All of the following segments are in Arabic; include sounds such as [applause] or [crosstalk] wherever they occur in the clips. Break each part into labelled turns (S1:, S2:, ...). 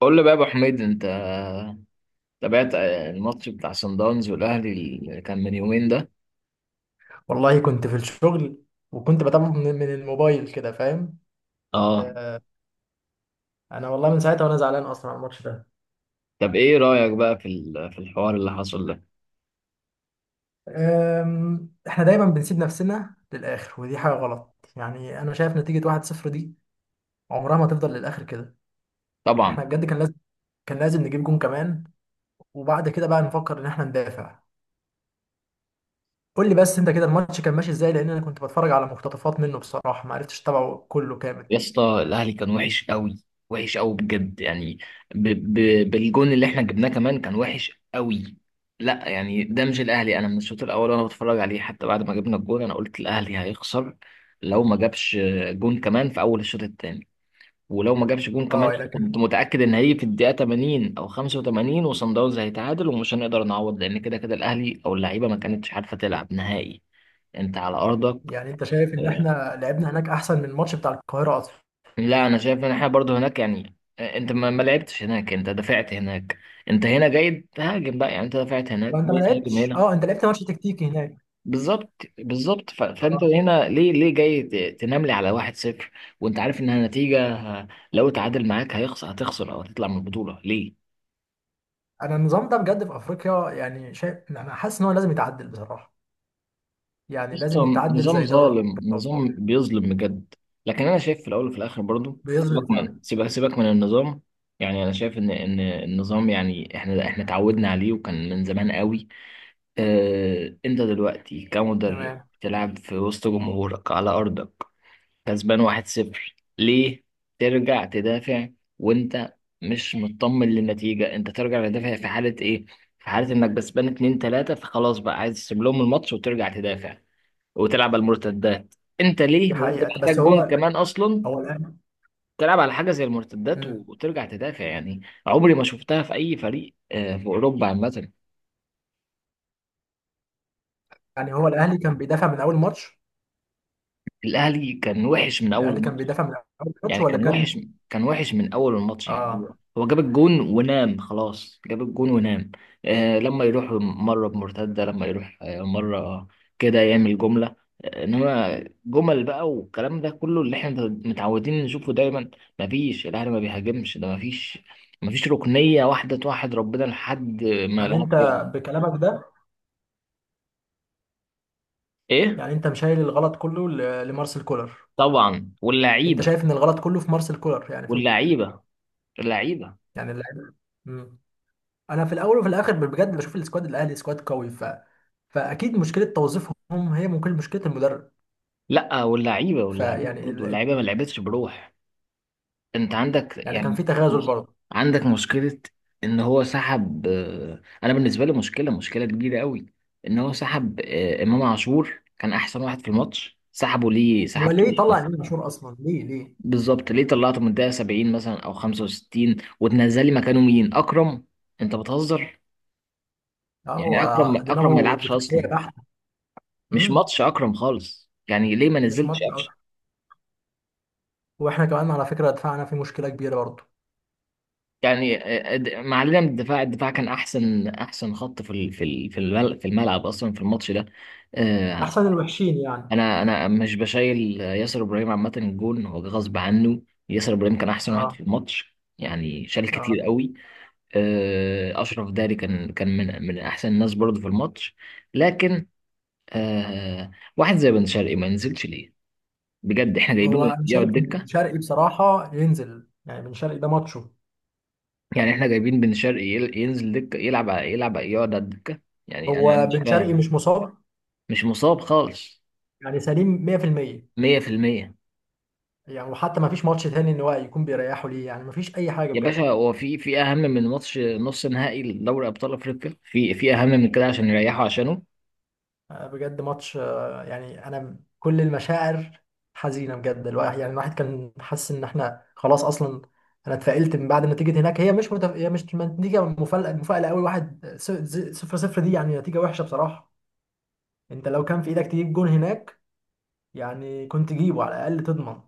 S1: قول لي بقى يا ابو حميد، انت تابعت الماتش بتاع صن داونز والاهلي اللي كان من يومين ده؟
S2: والله كنت في الشغل، وكنت بتابعه من الموبايل، كده فاهم؟
S1: اه.
S2: آه، انا والله من ساعتها وانا زعلان اصلا على الماتش ده.
S1: طب ايه رايك بقى في الحوار اللي حصل ده؟
S2: احنا دايما بنسيب نفسنا للاخر، ودي حاجه غلط. يعني انا شايف نتيجه 1-0 دي عمرها ما تفضل للاخر كده. احنا
S1: طبعا.
S2: بجد كان لازم نجيب جون كمان، وبعد كده بقى نفكر ان احنا ندافع. قول لي بس انت كده الماتش كان ماشي ازاي؟ لان انا كنت بتفرج على مقتطفات منه، بصراحه ما عرفتش اتابعه كله كامل.
S1: يا اسطى، الاهلي كان وحش قوي، وحش قوي بجد يعني. ب ب بالجون اللي احنا جبناه كمان كان وحش قوي. لا يعني، ده مش الاهلي. انا من الشوط الاول وانا بتفرج عليه، حتى بعد ما جبنا الجون انا قلت الاهلي هيخسر لو ما جابش جون كمان في اول الشوط الثاني. ولو ما جابش جون كمان
S2: اه، لكن
S1: كنت متأكد ان هيجي في الدقيقة 80 او 85 وصن داونز هيتعادل، ومش هنقدر نعوض لان كده كده الاهلي او اللعيبة ما كانتش عارفة تلعب نهائي. انت على ارضك.
S2: يعني انت شايف ان
S1: آه،
S2: احنا لعبنا هناك احسن من الماتش بتاع القاهره اصلا؟
S1: لا، انا شايف ان احنا برضو هناك يعني. انت ما لعبتش هناك، انت دافعت هناك. انت هنا جاي تهاجم بقى يعني. انت دافعت هناك،
S2: وانت ما
S1: جاي تهاجم
S2: لعبتش،
S1: هنا.
S2: اه، انت لعبت ماتش تكتيكي هناك.
S1: بالظبط بالظبط. فانت
S2: اه،
S1: هنا ليه، جاي تنام لي على 1-0؟ وانت عارف انها نتيجة، لو اتعادل معاك هيخسر، هتخسر او هتطلع من البطولة. ليه؟
S2: انا النظام ده بجد في افريقيا يعني شايف، انا حاسس ان هو لازم يتعدل بصراحه، يعني لازم
S1: قصة.
S2: يتعدل
S1: نظام
S2: زي دوري
S1: ظالم،
S2: الابطال.
S1: نظام بيظلم بجد. لكن انا شايف في الاول وفي الاخر برضو،
S2: بيظلم
S1: سيبك
S2: فعلا.
S1: من سيبك سيبك من النظام. يعني انا شايف ان النظام يعني احنا اتعودنا عليه، وكان من زمان قوي. اه، انت دلوقتي كمدرب
S2: تمام.
S1: تلعب في وسط جمهورك على ارضك، كسبان واحد صفر، ليه ترجع تدافع؟ وانت مش مطمن للنتيجة، انت ترجع تدافع في حالة ايه؟ في حالة انك كسبان 2 3، فخلاص بقى عايز تسيب لهم الماتش وترجع تدافع وتلعب على المرتدات. انت ليه،
S2: دي
S1: وانت
S2: حقيقه، بس
S1: محتاج جون
S2: هو
S1: كمان اصلا،
S2: هو الاهلي.
S1: تلعب على حاجه زي المرتدات
S2: مم.
S1: وترجع تدافع يعني؟ عمري ما شفتها في اي فريق، في اوروبا عامه.
S2: يعني هو الاهلي كان بيدافع من اول ماتش.
S1: الاهلي كان وحش من
S2: الاهلي
S1: اول
S2: كان بيدافع من اول ماتش،
S1: يعني،
S2: ولا
S1: كان وحش،
S2: كان؟
S1: من اول الماتش. يعني هو
S2: اه،
S1: هو جاب الجون ونام. خلاص، جاب الجون ونام. آه لما يروح مره بمرتده، لما يروح مره كده يعمل جمله. آه، انما جمل بقى، والكلام ده كله اللي احنا متعودين نشوفه دايما. مفيش. الاهلي ما بيهاجمش، ده مفيش. ركنيه واحده توحد ربنا لحد ما
S2: يعني
S1: الاهلي
S2: انت
S1: جاب.
S2: بكلامك ده
S1: ايه؟
S2: يعني انت مشايل الغلط كله لمارسيل كولر؟
S1: طبعا،
S2: انت
S1: واللعيبه.
S2: شايف ان الغلط كله في مارسيل كولر، يعني في...
S1: واللعيبه اللعيبه.
S2: يعني اللاعب. مم. انا في الاول وفي الاخر بجد بشوف السكواد الاهلي سكواد قوي، فاكيد مشكله توظيفهم، هي ممكن مشكله المدرب.
S1: لا، واللعيبه،
S2: فيعني
S1: برضه اللعيبه ما لعبتش بروح. انت
S2: يعني كان في تغازل برضه.
S1: عندك مشكلة، ان هو سحب. انا بالنسبة لي مشكلة، مشكلة كبيرة قوي، ان هو سحب امام عاشور. كان احسن واحد في الماتش، سحبه ليه،
S2: هو
S1: سحبته
S2: ليه
S1: ليه؟
S2: طلع امام عاشور اصلا؟ ليه ليه؟
S1: بالظبط. ليه طلعته من الدقيقة 70 مثلا او 65، وتنزلي مكانه مين، اكرم؟ انت بتهزر.
S2: اه، هو
S1: يعني اكرم ما
S2: دماغه
S1: يلعبش
S2: دفاعيه
S1: اصلا.
S2: بحته.
S1: مش
S2: امم
S1: ماتش اكرم خالص يعني، ليه ما
S2: مش ماتش
S1: نزلتش؟
S2: اكتر. واحنا كمان على فكره دفاعنا في مشكله كبيره برضه.
S1: يعني ما علينا من الدفاع، الدفاع كان احسن، خط في الملعب، اصلا في الماتش ده. آه،
S2: احسن الوحشين يعني.
S1: انا مش بشايل ياسر ابراهيم عامه، الجون هو جه غصب عنه. ياسر ابراهيم كان احسن واحد
S2: اه،
S1: في الماتش يعني، شال كتير
S2: اه،
S1: قوي. اشرف داري كان من احسن الناس برضه في الماتش. لكن، آه، واحد زي بن شرقي ما نزلش ليه؟ بجد احنا
S2: هو
S1: جايبينه
S2: انا
S1: يقعد
S2: شايف ان بن
S1: دكه؟
S2: شرقي بصراحه ينزل، يعني بن شرقي ده ماتشه.
S1: يعني احنا جايبين بن شرقي ينزل دكه، يلعب يقعد على الدكه؟ يعني انا
S2: هو
S1: مش
S2: بن شرقي
S1: فاهم.
S2: مش مصاب؟
S1: مش مصاب خالص.
S2: يعني سليم 100%؟
S1: 100%.
S2: يعني وحتى ما فيش ماتش تاني ان هو يكون بيريحه ليه، يعني ما فيش اي حاجه
S1: يا باشا،
S2: بجد.
S1: هو في اهم من ماتش نص نهائي لدوري ابطال افريقيا؟ في اهم من كده عشان يريحوا عشانه؟
S2: آه، بجد ماتش، يعني انا كل المشاعر حزينه بجد. الواحد كان حاسس ان احنا خلاص اصلا. انا اتفائلت من بعد نتيجه هناك. هي مش نتيجه مفاجاه، مفاجاه قوي. صفر صفر دي يعني نتيجه وحشه بصراحه. انت لو كان في ايدك تجيب جون هناك، يعني كنت جيبه على الاقل تضمن،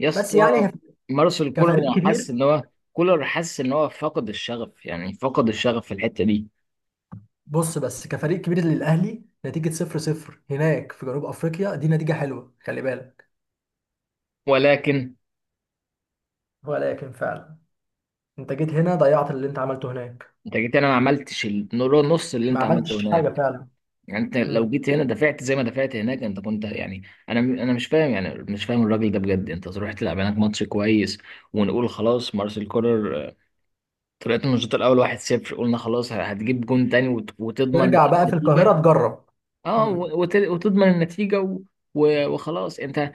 S1: يا
S2: بس
S1: اسطى
S2: يعني
S1: مارسيل كولر،
S2: كفريق
S1: حاسس
S2: كبير...
S1: ان هو كولر حاسس ان هو فقد الشغف يعني، فقد الشغف في الحته دي.
S2: بص، بس كفريق كبير للاهلي، نتيجه صفر صفر هناك في جنوب افريقيا دي نتيجه حلوه، خلي بالك.
S1: ولكن
S2: ولكن فعلا، انت جيت هنا ضيعت اللي انت عملته هناك،
S1: انت جيت هنا ما عملتش النص اللي
S2: ما
S1: انت عملته
S2: عملتش حاجه
S1: هناك.
S2: فعلا.
S1: يعني انت لو
S2: مم.
S1: جيت هنا دفعت زي ما دفعت هناك، انت كنت يعني. انا مش فاهم يعني، مش فاهم الراجل ده بجد. انت تروح تلعب هناك ماتش كويس ونقول خلاص مارسيل كولر طلعتوا من الشوط الاول 1-0، قلنا خلاص هتجيب جون تاني وتضمن
S2: ترجع
S1: بقى
S2: بقى في
S1: النتيجه.
S2: القاهره تجرب.
S1: اه،
S2: مم.
S1: وتضمن النتيجه وخلاص انت.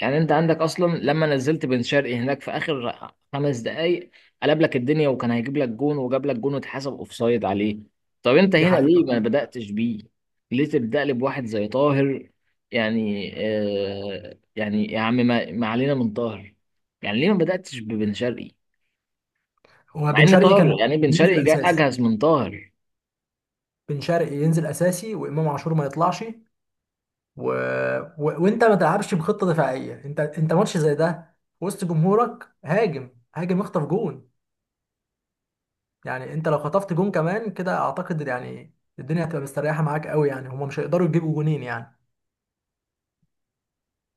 S1: يعني انت عندك اصلا، لما نزلت بن شرقي هناك في اخر 5 دقائق، قلب لك الدنيا وكان هيجيب لك جون، وجاب لك جون واتحسب اوفسايد عليه. طب انت
S2: دي
S1: هنا
S2: حقيقه
S1: ليه ما
S2: فعلا.
S1: بدأتش بيه؟ ليه تبدأ لي بواحد زي طاهر؟ يعني يا عم، ما علينا من طاهر. يعني ليه ما بدأتش ببن شرقي؟ مع
S2: وبن
S1: ان
S2: شرقي كان
S1: طاهر يعني، بن
S2: بينزل
S1: شرقي جاي
S2: اساسي.
S1: اجهز من طاهر.
S2: بن شرقي ينزل اساسي وامام عاشور ما يطلعش. و... وانت ما تلعبش بخطه دفاعيه، انت ماتش زي ده، وسط جمهورك، هاجم هاجم اخطف جون. يعني انت لو خطفت جون كمان كده، اعتقد يعني الدنيا هتبقى مستريحه معاك قوي، يعني هما مش هيقدروا يجيبوا جونين يعني.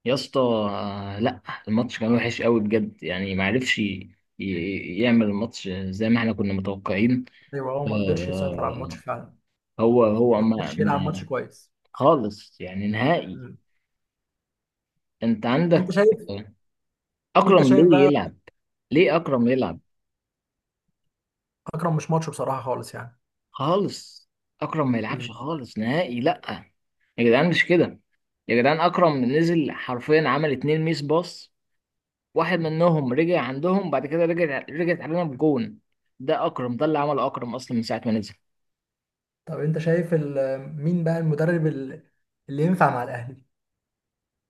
S1: يا اسطى، لا، الماتش كان وحش قوي بجد يعني. ما عرفش يعمل الماتش زي ما احنا كنا متوقعين.
S2: ايوه، هو ما قدرش يسيطر على
S1: آه،
S2: الماتش فعلا،
S1: هو
S2: ما
S1: ما,
S2: قدرش يلعب ماتش
S1: ما
S2: كويس.
S1: خالص يعني، نهائي.
S2: مم.
S1: انت
S2: انت
S1: عندك
S2: شايف انت
S1: اكرم،
S2: شايف
S1: ليه
S2: بقى،
S1: يلعب؟ ليه اكرم يلعب؟
S2: اكرم مش ماتش بصراحه خالص يعني.
S1: خالص. اكرم ما يلعبش
S2: مم.
S1: خالص نهائي، لا. يا جدعان، مش كده. يا جدعان، اكرم نزل حرفيا، عمل اتنين ميس باص. واحد منهم رجع عندهم، بعد كده رجعت علينا بجون. ده اكرم، ده اللي عمل اكرم اصلا من ساعه ما نزل.
S2: طب انت شايف مين بقى المدرب اللي ينفع مع الاهلي؟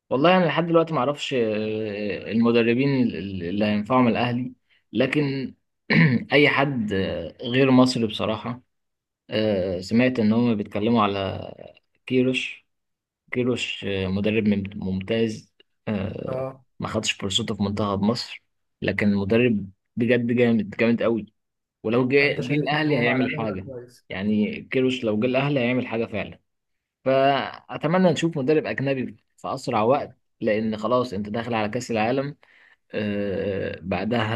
S1: والله انا لحد دلوقتي ما اعرفش المدربين اللي هينفعوا من الاهلي. لكن [clears throat] اي حد غير مصري بصراحه. سمعت ان هم بيتكلموا على كيروش. كيروش مدرب ممتاز. آه،
S2: اه.
S1: ما خدش فرصته في منتخب مصر، لكن مدرب بجد جامد، جامد قوي. ولو جه
S2: فانت
S1: جه
S2: شايف ان
S1: الاهلي
S2: هو مع
S1: هيعمل
S2: الاهلي هيبقى
S1: حاجه.
S2: كويس؟
S1: يعني كيروش لو جه الاهلي هيعمل حاجه فعلا. فاتمنى نشوف مدرب اجنبي في اسرع وقت، لان خلاص انت داخل على كاس العالم. آه بعدها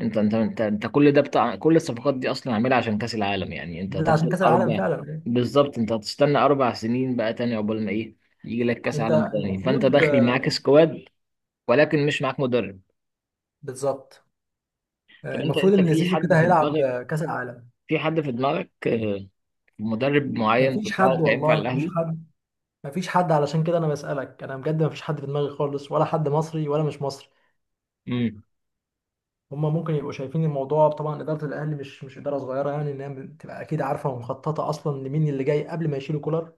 S1: انت، انت كل ده بتاع، كل الصفقات دي اصلا عاملها عشان كاس العالم. يعني انت
S2: ده عشان
S1: هتفضل
S2: كاس العالم
S1: اربع،
S2: فعلا.
S1: بالظبط، انت هتستنى 4 سنين بقى تاني عقبال ما ايه، يجي لك كاس
S2: انت
S1: عالم تاني، فانت
S2: المفروض
S1: داخل معاك سكواد، ولكن مش معاك مدرب.
S2: بالظبط.
S1: طب انت،
S2: المفروض ان
S1: في
S2: زيزو
S1: حد
S2: كده
S1: في
S2: هيلعب
S1: دماغك،
S2: كاس العالم.
S1: في حد في دماغك آه، مدرب معين في
S2: مفيش حد
S1: دماغك هينفع
S2: والله، مفيش
S1: الاهلي؟
S2: حد، مفيش حد، علشان كده انا بسالك، انا بجد مفيش حد في دماغي خالص، ولا حد مصري ولا مش مصري.
S1: امم.
S2: هما ممكن يبقوا شايفين الموضوع، طبعا اداره الاهلي مش اداره صغيره، يعني ان هي بتبقى اكيد عارفه ومخططه اصلا لمين اللي جاي قبل ما يشيلوا كولر.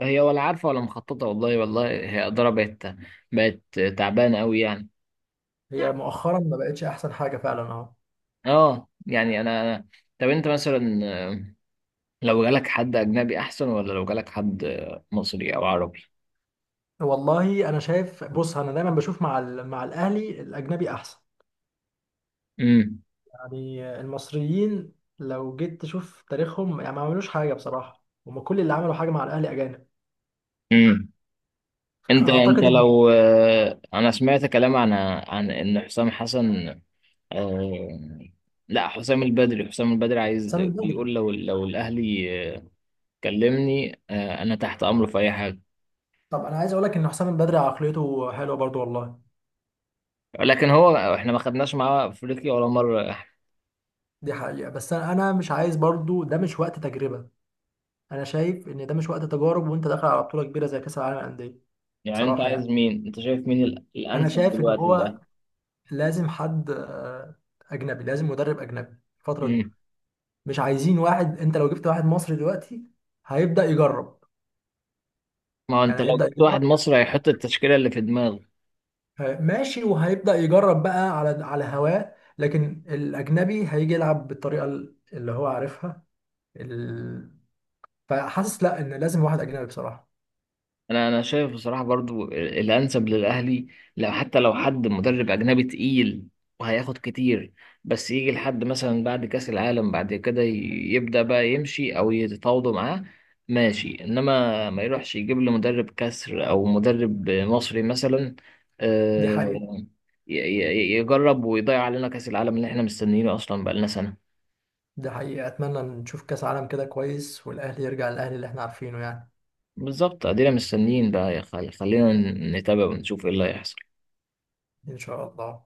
S1: هي ولا عارفه ولا مخططه والله. والله هي اداره بقت تعبانه قوي يعني.
S2: هي مؤخرا ما بقتش احسن حاجه فعلا اهو.
S1: اه، يعني طب انت مثلا، آه، لو جالك حد اجنبي احسن، ولا لو جالك حد مصري او عربي؟
S2: والله انا شايف، بص، انا دايما بشوف مع مع الاهلي الاجنبي احسن،
S1: امم.
S2: يعني المصريين لو جيت تشوف تاريخهم يعني ما عملوش حاجه بصراحه، هما كل اللي عملوا حاجه مع الاهلي اجانب.
S1: امم. انت
S2: اعتقد ان
S1: لو، انا سمعت كلام عن ان حسام حسن. آه، لا، حسام البدري. عايز،
S2: حسام البدري...
S1: بيقول لو الاهلي كلمني، انا تحت امره في اي حاجه.
S2: طب انا عايز اقول لك ان حسام البدري عقليته حلوه برضو والله.
S1: لكن هو احنا ما خدناش معاه افريقيا ولا مره.
S2: دي حقيقه، بس انا مش عايز برضو، ده مش وقت تجربه. انا شايف ان ده مش وقت تجارب، وانت داخل على بطوله كبيره زي كاس العالم للانديه.
S1: يعني انت
S2: بصراحه
S1: عايز
S2: يعني،
S1: مين، انت شايف مين
S2: انا
S1: الانسب
S2: شايف ان
S1: دلوقتي للاهلي؟
S2: هو لازم حد اجنبي، لازم مدرب اجنبي الفتره دي.
S1: امم.
S2: مش عايزين واحد، انت لو جبت واحد مصري دلوقتي هيبدا يجرب،
S1: ما هو انت
S2: يعني
S1: لو
S2: هيبدا
S1: جبت واحد
S2: يجرب،
S1: مصري هيحط التشكيله اللي في دماغه.
S2: ماشي، وهيبدا يجرب بقى على هواه، لكن الاجنبي هيجي يلعب بالطريقه اللي هو عارفها. ال... فحاسس لا ان لازم واحد اجنبي بصراحه.
S1: انا شايف بصراحه برضو الانسب للاهلي، لو، حتى لو، حد مدرب اجنبي تقيل وهياخد كتير، بس يجي لحد مثلا بعد كاس العالم، بعد كده يبدا بقى يمشي او يتفاوضوا معاه. ماشي، انما ما يروحش يجيب له مدرب كسر او مدرب مصري مثلا
S2: دي
S1: آه،
S2: حقيقه.
S1: يجرب ويضيع علينا كاس العالم اللي احنا مستنيينه اصلا بقالنا سنه.
S2: دي حقيقه، اتمنى نشوف كاس عالم كده كويس، والاهلي يرجع للاهلي اللي احنا عارفينه يعني.
S1: بالظبط، ادينا مستنيين بقى. يا خلينا نتابع ونشوف ايه اللي هيحصل.
S2: ان شاء الله.